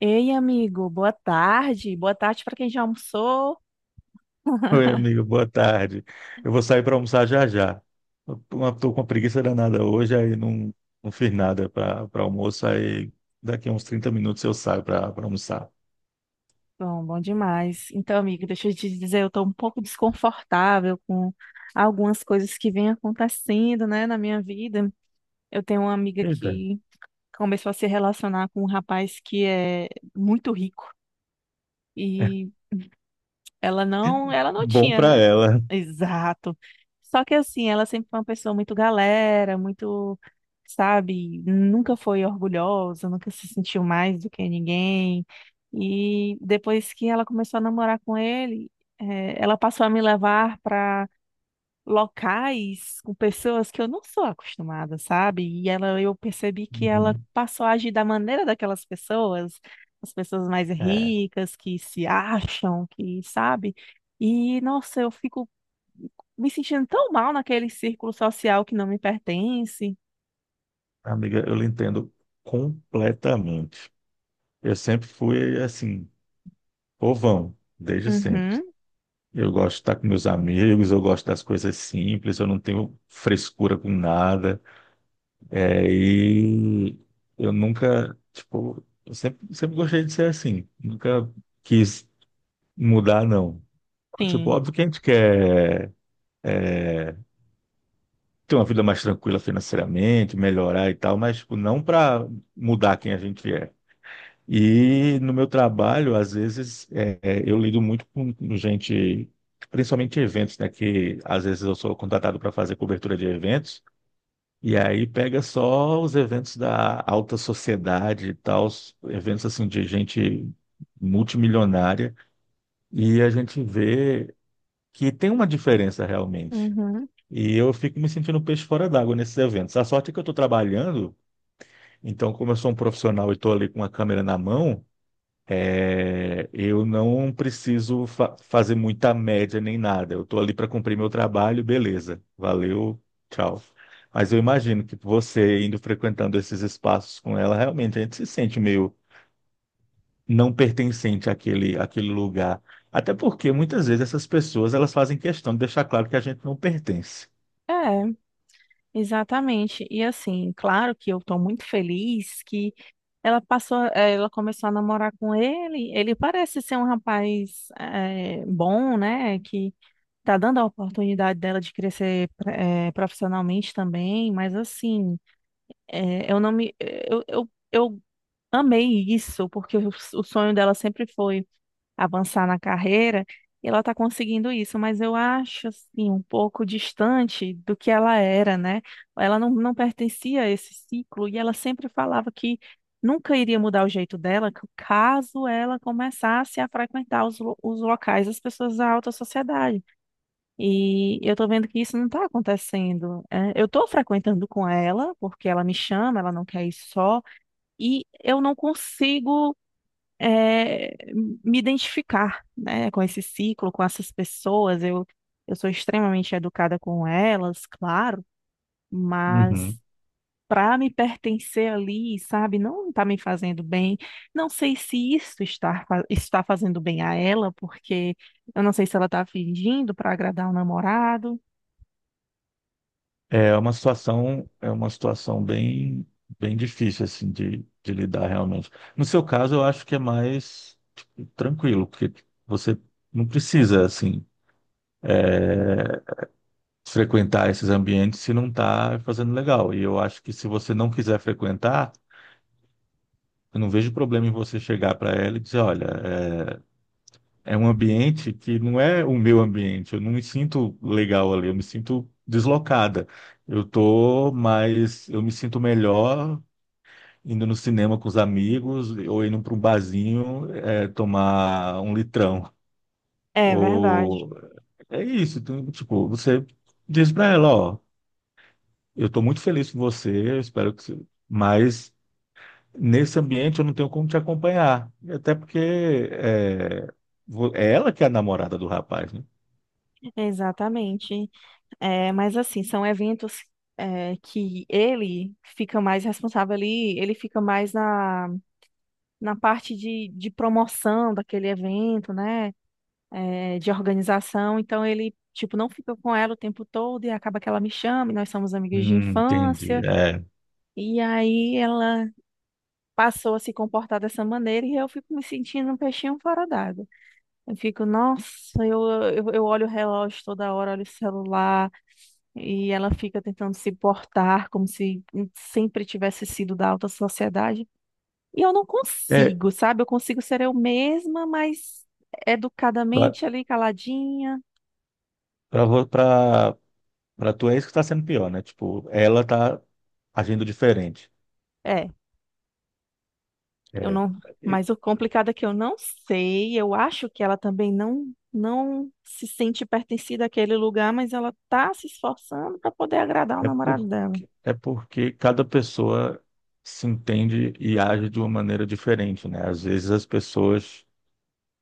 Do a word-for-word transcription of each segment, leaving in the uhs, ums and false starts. Ei, amigo, boa tarde. Boa tarde para quem já almoçou. Oi, amigo, boa tarde. Eu vou sair para almoçar já já. Estou com uma preguiça danada hoje, aí não, não fiz nada para almoço, aí daqui a uns trinta minutos eu saio para almoçar. Bom, bom demais. Então, amigo, deixa eu te dizer, eu estou um pouco desconfortável com algumas coisas que vêm acontecendo, né, na minha vida. Eu tenho uma amiga Eita. que começou a se relacionar com um rapaz que é muito rico. e Ela não, ela não Bom tinha, para né? ela. Exato. Só que assim, ela sempre foi uma pessoa muito galera, muito, sabe, nunca foi orgulhosa, nunca se sentiu mais do que ninguém. E depois que ela começou a namorar com ele, eh, ela passou a me levar para locais com pessoas que eu não sou acostumada, sabe? E ela, eu percebi que ela Uhum. passou a agir da maneira daquelas pessoas, as pessoas mais É, ricas que se acham, que sabe? E nossa, eu fico me sentindo tão mal naquele círculo social que não me pertence. amiga, eu lhe entendo completamente. Eu sempre fui assim, povão, desde sempre. Uhum, Eu gosto de estar com meus amigos, eu gosto das coisas simples, eu não tenho frescura com nada. É, e eu nunca, tipo, eu sempre, sempre gostei de ser assim. Nunca quis mudar, não. Tipo, sim. óbvio que a gente quer é, ter uma vida mais tranquila financeiramente, melhorar e tal, mas, tipo, não para mudar quem a gente é. E no meu trabalho, às vezes, é, é, eu lido muito com com gente, principalmente eventos, né? Que às vezes eu sou contratado para fazer cobertura de eventos. E aí pega só os eventos da alta sociedade e tal, os eventos assim de gente multimilionária, e a gente vê que tem uma diferença realmente. Uhum. E eu fico me sentindo peixe fora d'água nesses eventos. A sorte é que eu estou trabalhando, então como eu sou um profissional e estou ali com a câmera na mão, é, eu não preciso fa- fazer muita média nem nada. Eu estou ali para cumprir meu trabalho, beleza. Valeu, tchau. Mas eu imagino que você indo frequentando esses espaços com ela, realmente a gente se sente meio não pertencente àquele, àquele lugar. Até porque muitas vezes essas pessoas elas fazem questão de deixar claro que a gente não pertence. É, exatamente. E assim, claro que eu estou muito feliz que ela passou, eh, ela começou a namorar com ele. Ele parece ser um rapaz eh, bom, né? Que tá dando a oportunidade dela de crescer eh, profissionalmente também. Mas assim, eh, eu não me, eh, eu, eu, eu amei isso porque o, o sonho dela sempre foi avançar na carreira, e ela está conseguindo isso, mas eu acho assim um pouco distante do que ela era, né? Ela não, não pertencia a esse ciclo e ela sempre falava que nunca iria mudar o jeito dela c- caso ela começasse a frequentar os, lo- os locais das pessoas da alta sociedade. E eu tô vendo que isso não está acontecendo. É. Eu tô frequentando com ela, porque ela me chama, ela não quer ir só, e eu não consigo é, me identificar, né, com esse ciclo, com essas pessoas. Eu, eu sou extremamente educada com elas, claro, mas Uhum. para me pertencer ali, sabe, não está me fazendo bem. Não sei se isso está, fa- está fazendo bem a ela, porque eu não sei se ela está fingindo para agradar o namorado. É uma situação, é uma situação bem, bem difícil assim de, de lidar realmente. No seu caso, eu acho que é mais tranquilo, porque você não precisa, assim, frequentar esses ambientes se não está fazendo legal. E eu acho que se você não quiser frequentar, eu não vejo problema em você chegar para ela e dizer, olha, é, é um ambiente que não é o meu ambiente, eu não me sinto legal ali, eu me sinto deslocada. Eu tô, mas eu me sinto melhor indo no cinema com os amigos ou indo para um barzinho, é, tomar um litrão. É verdade, O... É isso, então, tipo, você diz pra ela, ó, eu tô muito feliz com você, eu espero que você... Mas nesse ambiente eu não tenho como te acompanhar. Até porque é, vo- é ela que é a namorada do rapaz, né? exatamente. É, mas assim, são eventos é, que ele fica mais responsável ali, ele fica mais na na parte de, de promoção daquele evento, né? É, de organização. Então ele, tipo, não fica com ela o tempo todo e acaba que ela me chama, e nós somos amigas de Hum, entendi. infância. É, E aí ela passou a se comportar dessa maneira e eu fico me sentindo um peixinho fora d'água. Eu fico, nossa, eu, eu, eu olho o relógio toda hora, olho o celular, e ela fica tentando se portar como se sempre tivesse sido da alta sociedade. E eu não é consigo, sabe? Eu consigo ser eu mesma, mas pra, educadamente ali, caladinha. pra, vo- pra, pra tu é isso que tá sendo pior, né? Tipo, ela tá agindo diferente. É, eu É. não. Mas o complicado é que eu não sei. Eu acho que ela também não não se sente pertencida àquele lugar, mas ela tá se esforçando para poder agradar o É namorado dela. porque, é porque cada pessoa se entende e age de uma maneira diferente, né? Às vezes as pessoas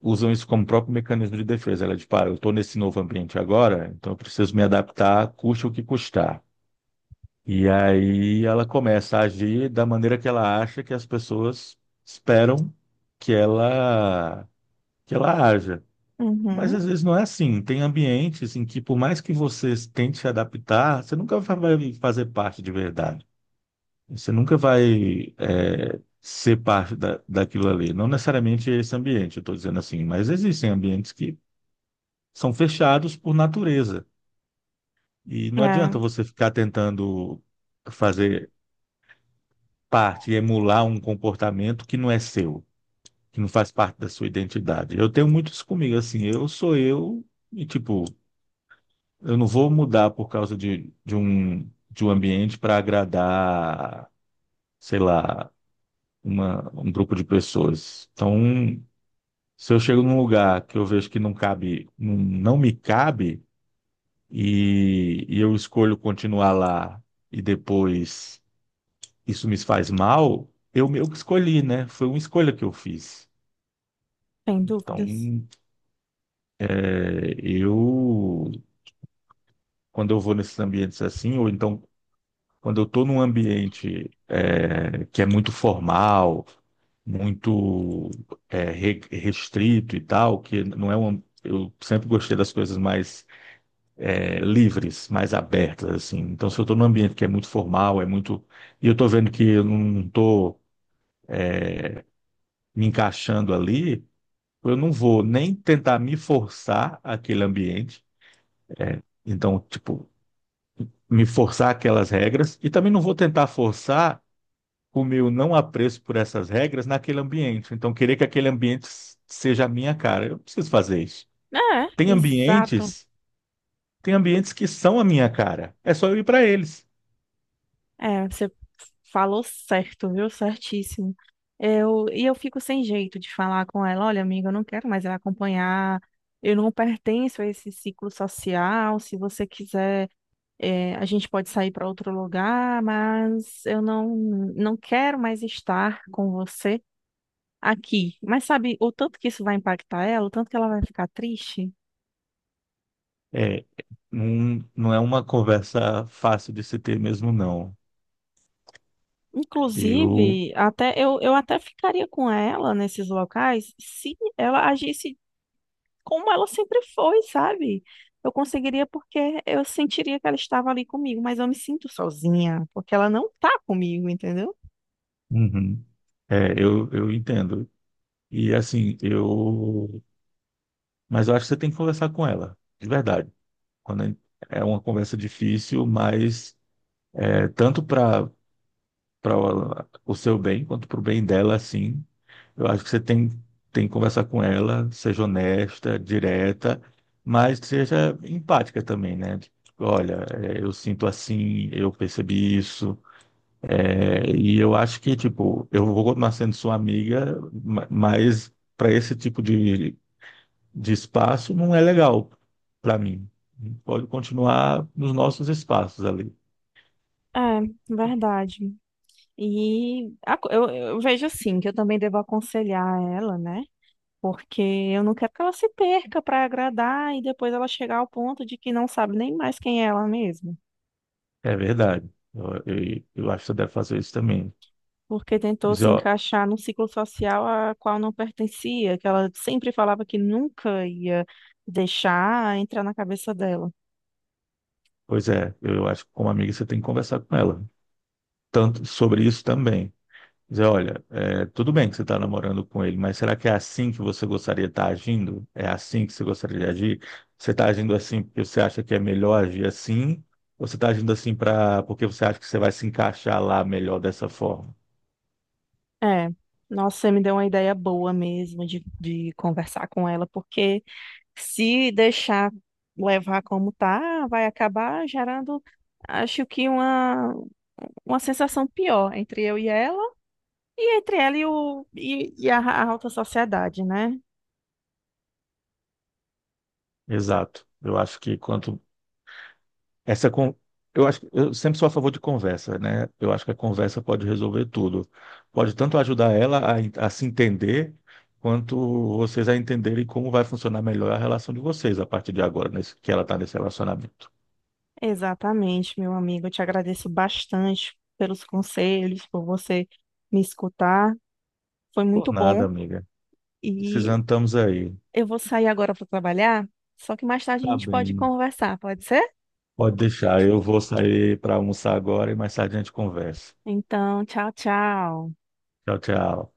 usam isso como próprio mecanismo de defesa. Ela diz, pá, eu estou nesse novo ambiente agora, então eu preciso me adaptar, custe o que custar. E aí ela começa a agir da maneira que ela acha que as pessoas esperam que ela que ela haja. Mas Uhum. às vezes não é assim. Tem ambientes em que, por mais que você tente se adaptar, você nunca vai fazer parte de verdade. Você nunca vai é, ser parte da, daquilo ali. Não necessariamente esse ambiente, eu estou dizendo assim, mas existem ambientes que são fechados por natureza. E não É, adianta você ficar tentando fazer parte, e emular um comportamento que não é seu, que não faz parte da sua identidade. Eu tenho muito isso comigo, assim, eu sou eu e, tipo, eu não vou mudar por causa de, de um, de um ambiente para agradar, sei lá, uma, um grupo de pessoas. Então, se eu chego num lugar que eu vejo que não cabe, não, não me cabe, e, e eu escolho continuar lá e depois isso me faz mal, eu meio que escolhi, né? Foi uma escolha que eu fiz. sem Então, dúvidas. é, eu, quando eu vou nesses ambientes assim, ou então quando eu estou num ambiente é, que é muito formal, muito é, re- restrito e tal, que não é um, eu sempre gostei das coisas mais é, livres, mais abertas, assim. Então, se eu estou num ambiente que é muito formal, é muito. E eu estou vendo que eu não estou me encaixando ali, eu não vou nem tentar me forçar aquele ambiente. Então, tipo, me forçar aquelas regras. E também não vou tentar forçar o meu não apreço por essas regras naquele ambiente. Então, querer que aquele ambiente seja a minha cara. Eu não preciso fazer isso. É, Tem exato. ambientes, tem ambientes que são a minha cara. É só eu ir para eles. É, você falou certo, viu? Certíssimo. Eu, e eu fico sem jeito de falar com ela, olha, amiga, eu não quero mais ela acompanhar, eu não pertenço a esse ciclo social, se você quiser, eh, a gente pode sair para outro lugar, mas eu não, não quero mais estar com você aqui. Mas sabe o tanto que isso vai impactar ela, o tanto que ela vai ficar triste? É, não, não é uma conversa fácil de se ter mesmo, não. Eu, Inclusive, até eu, eu até ficaria com ela nesses locais se ela agisse como ela sempre foi, sabe? Eu conseguiria porque eu sentiria que ela estava ali comigo, mas eu me sinto sozinha, porque ela não tá comigo, entendeu? Uhum. É, eu, eu entendo. E assim, eu, mas eu acho que você tem que conversar com ela, de verdade. Quando é é uma conversa difícil, mas é tanto para para o seu bem quanto para o bem dela, assim. Eu acho que você tem tem que conversar com ela, seja honesta, direta, mas que seja empática também, né? Tipo, olha, é, eu sinto assim, eu percebi isso. É, e eu acho que, tipo, eu vou continuar sendo sua amiga, ma- mas para esse tipo de, de espaço não é legal para mim. Pode continuar nos nossos espaços ali. É, verdade. E a co- eu, eu vejo assim, que eu também devo aconselhar ela, né? Porque eu não quero que ela se perca para agradar e depois ela chegar ao ponto de que não sabe nem mais quem é ela mesma. É verdade. Eu, eu, eu acho que você deve fazer isso também. Porque tentou se Dizer, ó, encaixar num ciclo social a qual não pertencia, que ela sempre falava que nunca ia deixar entrar na cabeça dela. pois é, eu acho que como amiga você tem que conversar com ela. Tanto sobre isso também. Dizer, olha, é, tudo bem que você está namorando com ele, mas será que é assim que você gostaria de estar agindo? É assim que você gostaria de agir? Você está agindo assim porque você acha que é melhor agir assim? Ou você está agindo assim pra, porque você acha que você vai se encaixar lá melhor dessa forma? É, nossa, você me deu uma ideia boa mesmo de, de conversar com ela, porque se deixar levar como tá, vai acabar gerando, acho que uma, uma sensação pior entre eu e ela, e entre ela e, o, e, e a, a alta sociedade, né? Exato. Eu acho que quanto Essa con... Eu acho que eu sempre sou a favor de conversa, né? Eu acho que a conversa pode resolver tudo. Pode tanto ajudar ela a, en- a se entender, quanto vocês a entenderem como vai funcionar melhor a relação de vocês a partir de agora, nesse... que ela está nesse relacionamento. Exatamente, meu amigo. Eu te agradeço bastante pelos conselhos, por você me escutar. Foi Por muito nada, bom. amiga. E Precisando, estamos aí. eu vou sair agora para trabalhar, só que mais tarde a Tá gente pode bem. conversar, pode ser? Pode deixar. Eu vou sair para almoçar agora e mais tarde a gente conversa. Então, tchau, tchau. Tchau, tchau.